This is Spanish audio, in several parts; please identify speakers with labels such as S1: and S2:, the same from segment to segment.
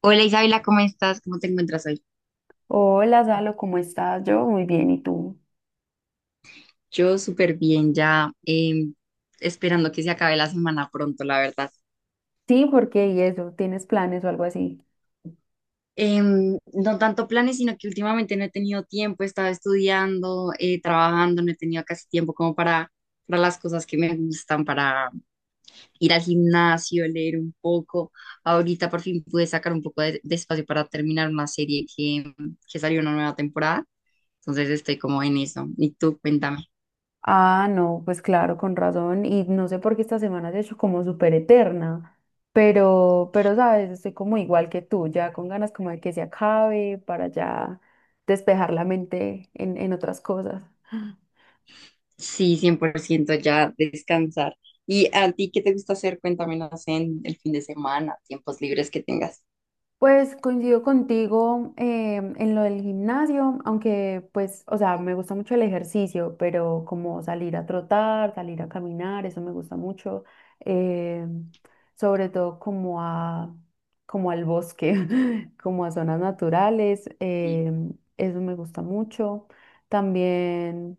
S1: Hola Isabela, ¿cómo estás? ¿Cómo te encuentras hoy?
S2: Hola, Salo, ¿cómo estás? Yo muy bien, ¿y tú?
S1: Yo súper bien, ya esperando que se acabe la semana pronto, la verdad.
S2: Sí, por qué y eso, ¿tienes planes o algo así?
S1: No tanto planes, sino que últimamente no he tenido tiempo, he estado estudiando, trabajando, no he tenido casi tiempo como para las cosas que me gustan, para ir al gimnasio, leer un poco. Ahorita por fin pude sacar un poco de espacio para terminar una serie que salió una nueva temporada, entonces estoy como en eso. ¿Y tú, cuéntame?
S2: Ah, no, pues claro, con razón. Y no sé por qué esta semana se ha hecho como súper eterna, pero, sabes, estoy como igual que tú, ya con ganas como de que se acabe para ya despejar la mente en otras cosas.
S1: Sí, 100% ya descansar. ¿Y a ti qué te gusta hacer? Cuéntamelas en el fin de semana, tiempos libres que tengas.
S2: Pues coincido contigo en lo del gimnasio, aunque pues, o sea, me gusta mucho el ejercicio, pero como salir a trotar, salir a caminar, eso me gusta mucho, eh, sobre todo como al bosque, como a zonas naturales,
S1: Sí,
S2: eso me gusta mucho. También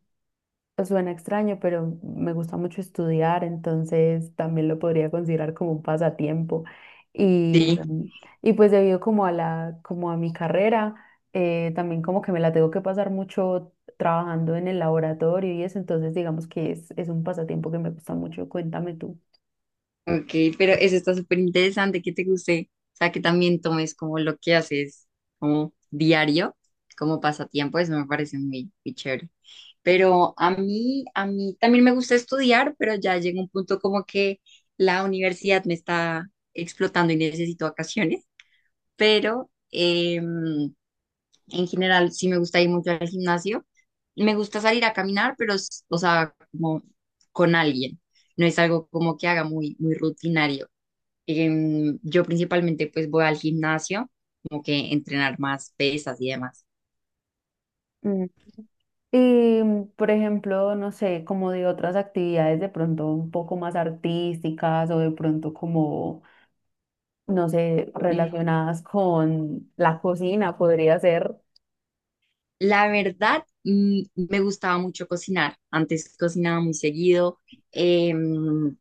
S2: pues, suena extraño, pero me gusta mucho estudiar, entonces también lo podría considerar como un pasatiempo. Y,
S1: sí,
S2: mm, y pues debido como a mi carrera, también como que me la tengo que pasar mucho trabajando en el laboratorio y eso, entonces digamos que es un pasatiempo que me gusta mucho. Cuéntame tú.
S1: ok, pero eso está súper interesante, que te guste, o sea, que también tomes como lo que haces como diario, como pasatiempo, eso me parece muy, muy chévere. Pero a mí también me gusta estudiar, pero ya llega un punto como que la universidad me está explotando y necesito vacaciones, pero en general sí me gusta ir mucho al gimnasio. Me gusta salir a caminar, pero, o sea, como con alguien. No es algo como que haga muy, muy rutinario. Yo principalmente pues voy al gimnasio, como que entrenar más pesas y demás.
S2: Mm. Por ejemplo, no sé, como de otras actividades de pronto un poco más artísticas o de pronto como no sé,
S1: Mm,
S2: relacionadas con la cocina, podría ser.
S1: la verdad, me gustaba mucho cocinar. Antes cocinaba muy seguido. Em,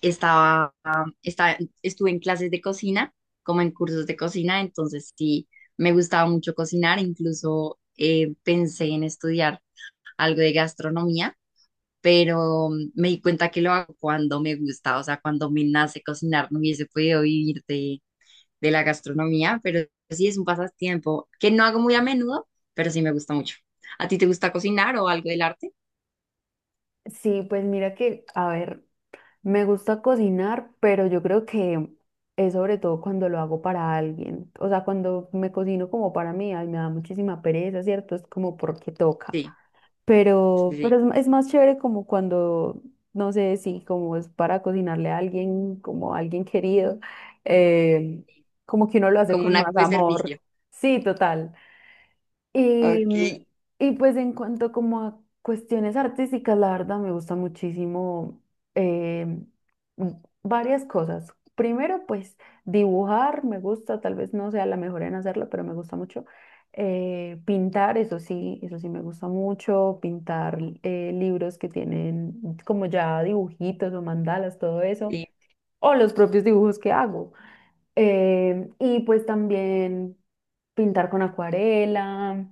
S1: estaba, estaba, estuve en clases de cocina, como en cursos de cocina, entonces sí, me gustaba mucho cocinar, incluso pensé en estudiar algo de gastronomía, pero me di cuenta que lo hago cuando me gusta, o sea, cuando me nace cocinar, no hubiese podido vivir de la gastronomía, pero sí es un pasatiempo que no hago muy a menudo, pero sí me gusta mucho. ¿A ti te gusta cocinar o algo del arte?
S2: Sí, pues mira que, a ver, me gusta cocinar, pero yo creo que es sobre todo cuando lo hago para alguien. O sea, cuando me cocino como para mí, ay, me da muchísima pereza, ¿cierto? Es como porque toca.
S1: Sí, sí,
S2: Pero,
S1: sí,
S2: es más chévere como cuando, no sé, si como es para cocinarle a alguien, como a alguien querido, eh, como que uno lo hace
S1: como un
S2: con
S1: acto
S2: más
S1: de
S2: amor.
S1: servicio.
S2: Sí, total. Y,
S1: Ok,
S2: mm, y pues en cuanto como a cuestiones artísticas, la verdad me gusta muchísimo eh, mm, varias cosas. Primero, pues dibujar me gusta, tal vez no sea la mejor en hacerlo, pero me gusta mucho. Pintar, eso sí me gusta mucho. Pintar libros que tienen como ya dibujitos o mandalas, todo eso
S1: sí.
S2: o los propios dibujos que hago. Y pues también pintar con acuarela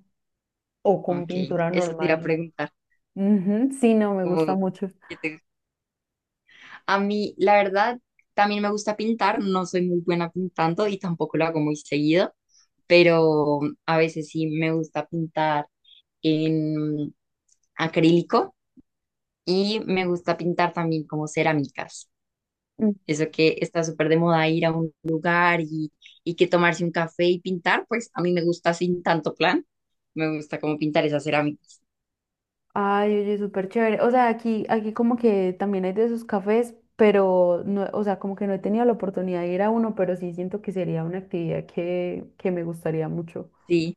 S2: o con
S1: Ok,
S2: pintura
S1: eso te iba a
S2: normal.
S1: preguntar.
S2: Ujú, sí, no, me gusta
S1: Como
S2: mucho.
S1: que a mí, la verdad, también me gusta pintar, no soy muy buena pintando y tampoco lo hago muy seguido, pero a veces sí me gusta pintar en acrílico y me gusta pintar también como cerámicas.
S2: Mm.
S1: Eso que está súper de moda ir a un lugar y que tomarse un café y pintar, pues a mí me gusta sin tanto plan, me gusta como pintar esas cerámicas.
S2: Ay, oye, súper chévere. O sea, aquí como que también hay de esos cafés, pero no, o sea, como que no he tenido la oportunidad de ir a uno, pero sí siento que sería una actividad que me gustaría mucho.
S1: Sí.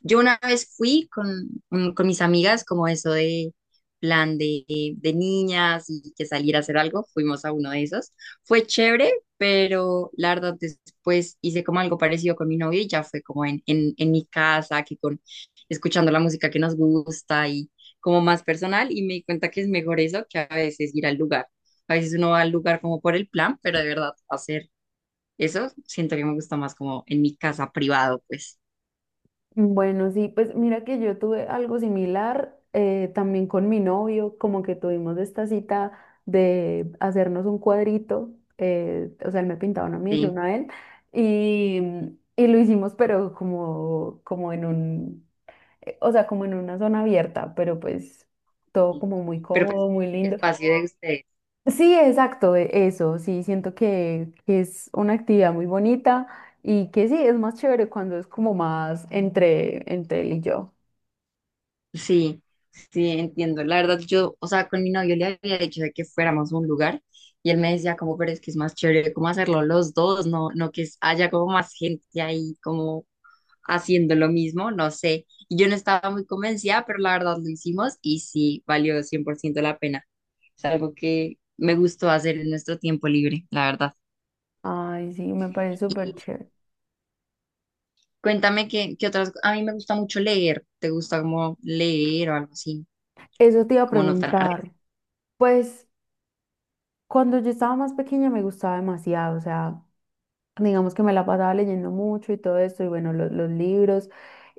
S1: Yo una vez fui con mis amigas, como eso de plan de niñas y que salir a hacer algo, fuimos a uno de esos. Fue chévere, pero la verdad después hice como algo parecido con mi novio y ya fue como en mi casa, que con escuchando la música que nos gusta y como más personal y me di cuenta que es mejor eso que a veces ir al lugar. A veces uno va al lugar como por el plan, pero de verdad hacer eso siento que me gusta más como en mi casa privado, pues.
S2: Bueno, sí, pues mira que yo tuve algo similar también con mi novio, como que tuvimos esta cita de hacernos un cuadrito, o sea, él me pintaba uno a mí, yo
S1: Sí.
S2: uno a él, y lo hicimos, pero como en un, o sea, como en una zona abierta, pero pues todo
S1: Sí.
S2: como muy
S1: Pero pues,
S2: cómodo, muy lindo.
S1: espacio de ustedes.
S2: Sí, exacto, eso, sí, siento que es una actividad muy bonita y que sí, es más chévere cuando es como más entre él y yo.
S1: Sí, sí, entiendo. La verdad, yo, o sea, con mi novio le había dicho de que fuéramos a un lugar y él me decía como, pero es que es más chévere como hacerlo los dos, no, no que haya como más gente ahí como haciendo lo mismo, no sé. Y yo no estaba muy convencida, pero la verdad lo hicimos y sí, valió 100% la pena. Es algo que me gustó hacer en nuestro tiempo libre, la verdad.
S2: Ay, sí, me parece súper chévere.
S1: Cuéntame qué, qué otras, a mí me gusta mucho leer, ¿te gusta como leer o algo así?
S2: Eso te iba a
S1: Como no tan
S2: preguntar. Pues cuando yo estaba más pequeña me gustaba demasiado, o sea, digamos que me la pasaba leyendo mucho y todo esto, y bueno, los libros,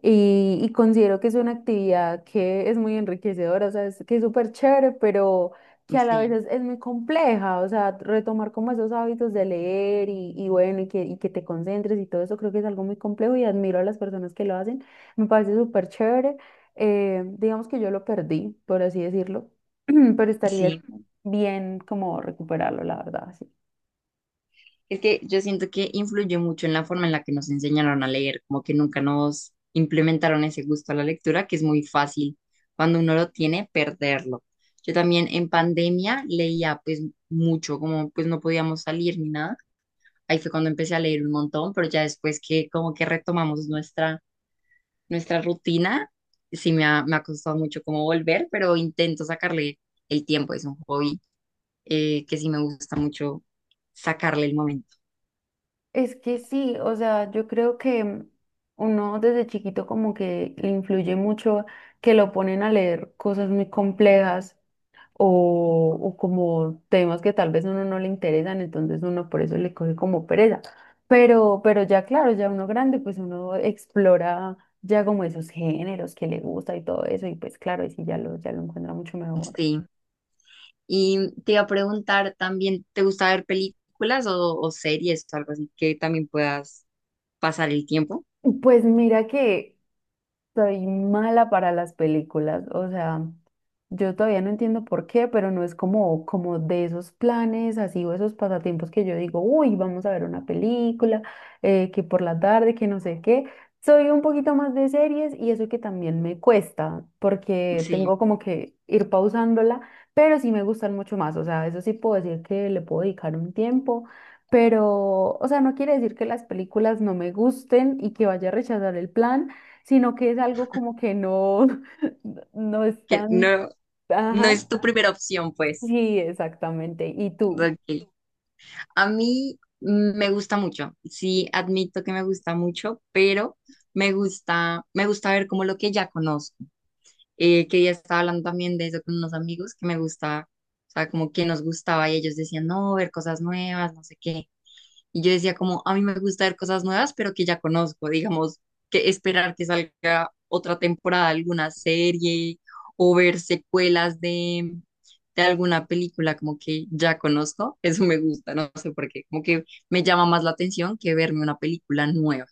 S2: y considero que es una actividad que es muy enriquecedora, o sea, es, que es súper chévere, pero que a la vez
S1: sí,
S2: es muy compleja, o sea, retomar como esos hábitos de leer y bueno, y que te concentres y todo eso, creo que es algo muy complejo y admiro a las personas que lo hacen, me parece súper chévere, digamos que yo lo perdí, por así decirlo, pero estaría
S1: sí.
S2: bien como recuperarlo, la verdad, sí.
S1: Es que yo siento que influyó mucho en la forma en la que nos enseñaron a leer, como que nunca nos implementaron ese gusto a la lectura, que es muy fácil cuando uno lo tiene perderlo. Yo también en pandemia leía pues mucho, como pues no podíamos salir ni nada. Ahí fue cuando empecé a leer un montón, pero ya después que como que retomamos nuestra rutina, sí me ha costado mucho como volver, pero intento sacarle el tiempo, es un hobby que sí me gusta mucho sacarle el momento.
S2: Es que sí, o sea, yo creo que uno desde chiquito como que le influye mucho que lo ponen a leer cosas muy complejas o como temas que tal vez a uno no le interesan, entonces uno por eso le coge como pereza. Pero ya claro, ya uno grande, pues uno explora ya como esos géneros que le gusta y todo eso, y pues claro, y sí ya lo encuentra mucho mejor.
S1: Sí. Y te iba a preguntar también, ¿te gusta ver películas o series o algo así que también puedas pasar el tiempo?
S2: Pues mira que soy mala para las películas, o sea, yo todavía no entiendo por qué, pero no es como, como de esos planes así o esos pasatiempos que yo digo, uy, vamos a ver una película, que por la tarde, que no sé qué. Soy un poquito más de series y eso que también me cuesta, porque
S1: Sí,
S2: tengo como que ir pausándola, pero sí me gustan mucho más, o sea, eso sí puedo decir que le puedo dedicar un tiempo. Pero, o sea, no quiere decir que las películas no me gusten y que vaya a rechazar el plan, sino que es algo como que no, no es
S1: que
S2: tan...
S1: no, no
S2: Ajá,
S1: es tu primera opción, pues.
S2: sí, exactamente. ¿Y tú?
S1: Ok. A mí me gusta mucho, sí, admito que me gusta mucho, pero me gusta ver como lo que ya conozco. Eh, que ya estaba hablando también de eso con unos amigos que me gustaba, o sea, como que nos gustaba y ellos decían, no, ver cosas nuevas, no sé qué. Y yo decía como, a mí me gusta ver cosas nuevas, pero que ya conozco, digamos, que esperar que salga otra temporada de alguna serie o ver secuelas de alguna película como que ya conozco, eso me gusta, no sé por qué, como que me llama más la atención que verme una película nueva.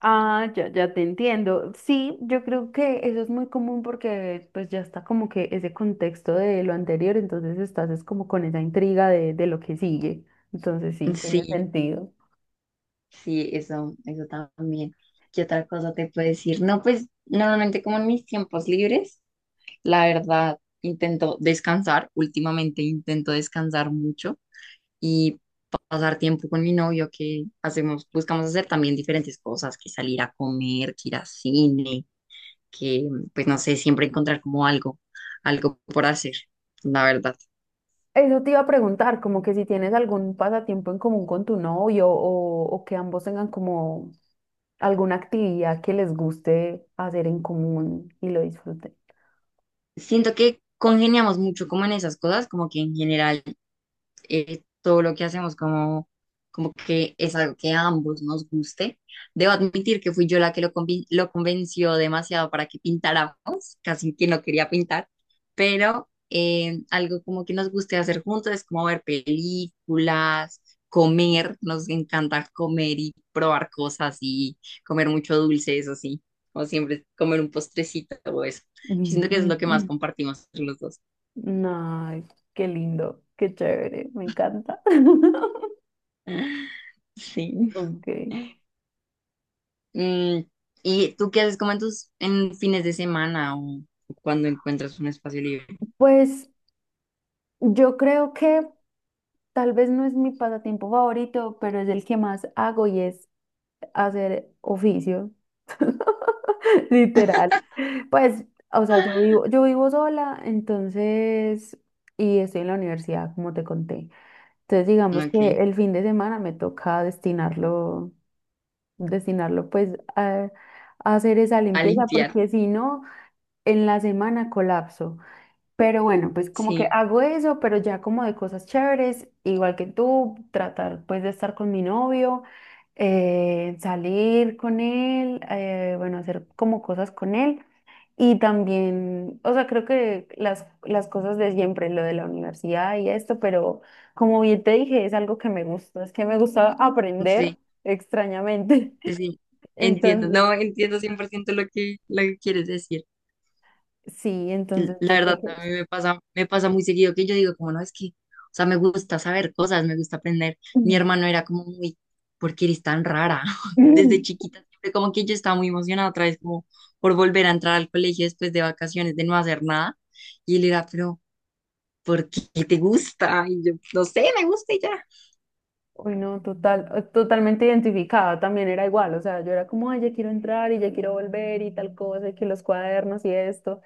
S2: Ah, ya, ya te entiendo. Sí, yo creo que eso es muy común porque pues ya está como que ese contexto de lo anterior, entonces estás es como con esa intriga de lo que sigue. Entonces sí, tiene
S1: Sí.
S2: sentido.
S1: Sí, eso también. ¿Qué otra cosa te puedo decir? No, pues normalmente como en mis tiempos libres, la verdad, intento descansar. Últimamente intento descansar mucho y pasar tiempo con mi novio, que hacemos, buscamos hacer también diferentes cosas, que salir a comer, que ir a cine, que pues no sé, siempre encontrar como algo por hacer, la verdad.
S2: Eso te iba a preguntar, como que si tienes algún pasatiempo en común con tu novio o que ambos tengan como alguna actividad que les guste hacer en común y lo disfruten.
S1: Siento que congeniamos mucho como en esas cosas, como que en general todo lo que hacemos como, como que es algo que a ambos nos guste. Debo admitir que fui yo la que lo convenció demasiado para que pintáramos, casi que no quería pintar, pero algo como que nos guste hacer juntos es como ver películas, comer, nos encanta comer y probar cosas y comer mucho dulce, eso sí, como siempre, comer un postrecito o eso. Yo siento que es lo que más compartimos entre los dos.
S2: Ay, qué lindo, qué chévere, me encanta.
S1: Sí.
S2: Ok.
S1: Mm, ¿y tú qué haces como en tus en fines de semana o cuando encuentras un espacio libre?
S2: Pues yo creo que tal vez no es mi pasatiempo favorito, pero es el que más hago y es hacer oficios. Literal. Pues, o sea,
S1: Ah,
S2: yo vivo sola, entonces, y estoy en la universidad, como te conté. Entonces, digamos que
S1: ok,
S2: el fin de semana me toca destinarlo, destinarlo pues a, a hacer esa
S1: a
S2: limpieza,
S1: limpiar.
S2: porque si no, en la semana colapso. Pero bueno, pues como que
S1: Sí,
S2: hago eso, pero ya como de cosas chéveres, igual que tú, tratar pues de estar con mi novio, salir con él, bueno, hacer como cosas con él. Y también, o sea, creo que las cosas de siempre, lo de la universidad y esto, pero como bien te dije, es algo que me gusta, es que me gusta aprender
S1: sí,
S2: extrañamente.
S1: sí, sí. Entiendo,
S2: Entonces,
S1: no, entiendo cien por ciento lo que quieres decir.
S2: sí, entonces
S1: La
S2: yo
S1: verdad,
S2: creo que...
S1: a
S2: es-
S1: mí me pasa muy seguido que yo digo, como no, es que, o sea, me gusta saber cosas, me gusta aprender. Mi hermano era como muy, ¿por qué eres tan rara? Desde chiquita, siempre como que yo estaba muy emocionada otra vez, como por volver a entrar al colegio después de vacaciones, de no hacer nada. Y él era, pero porque te gusta, y yo, no sé, me gusta y ya.
S2: Uy, no, total, totalmente identificada, también era igual, o sea, yo era como, ay, ya quiero entrar y ya quiero volver y tal cosa, y que los cuadernos y esto.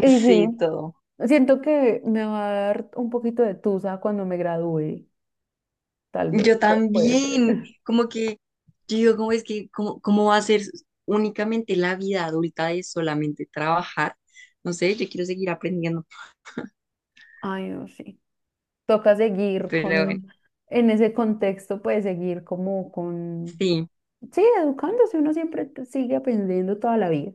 S2: Y sí,
S1: Sí, todo.
S2: siento que me va a dar un poquito de tusa cuando me gradúe, tal vez,
S1: Yo
S2: puede ser.
S1: también, como que, yo digo, ¿cómo es que, cómo, cómo va a ser únicamente la vida adulta de solamente trabajar? No sé, yo quiero seguir aprendiendo,
S2: Ay, no, sí. Toca seguir
S1: pero bueno,
S2: con, en ese contexto, pues seguir como con,
S1: sí,
S2: sí, educándose, uno siempre sigue aprendiendo toda la vida.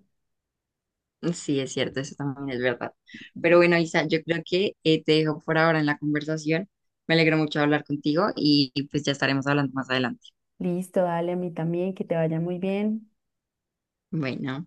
S1: sí, es cierto, eso también es verdad. Pero bueno, Isa, yo creo que te dejo por ahora en la conversación. Me alegro mucho hablar contigo y pues ya estaremos hablando más adelante.
S2: Listo, dale, a mí también, que te vaya muy bien.
S1: Bueno.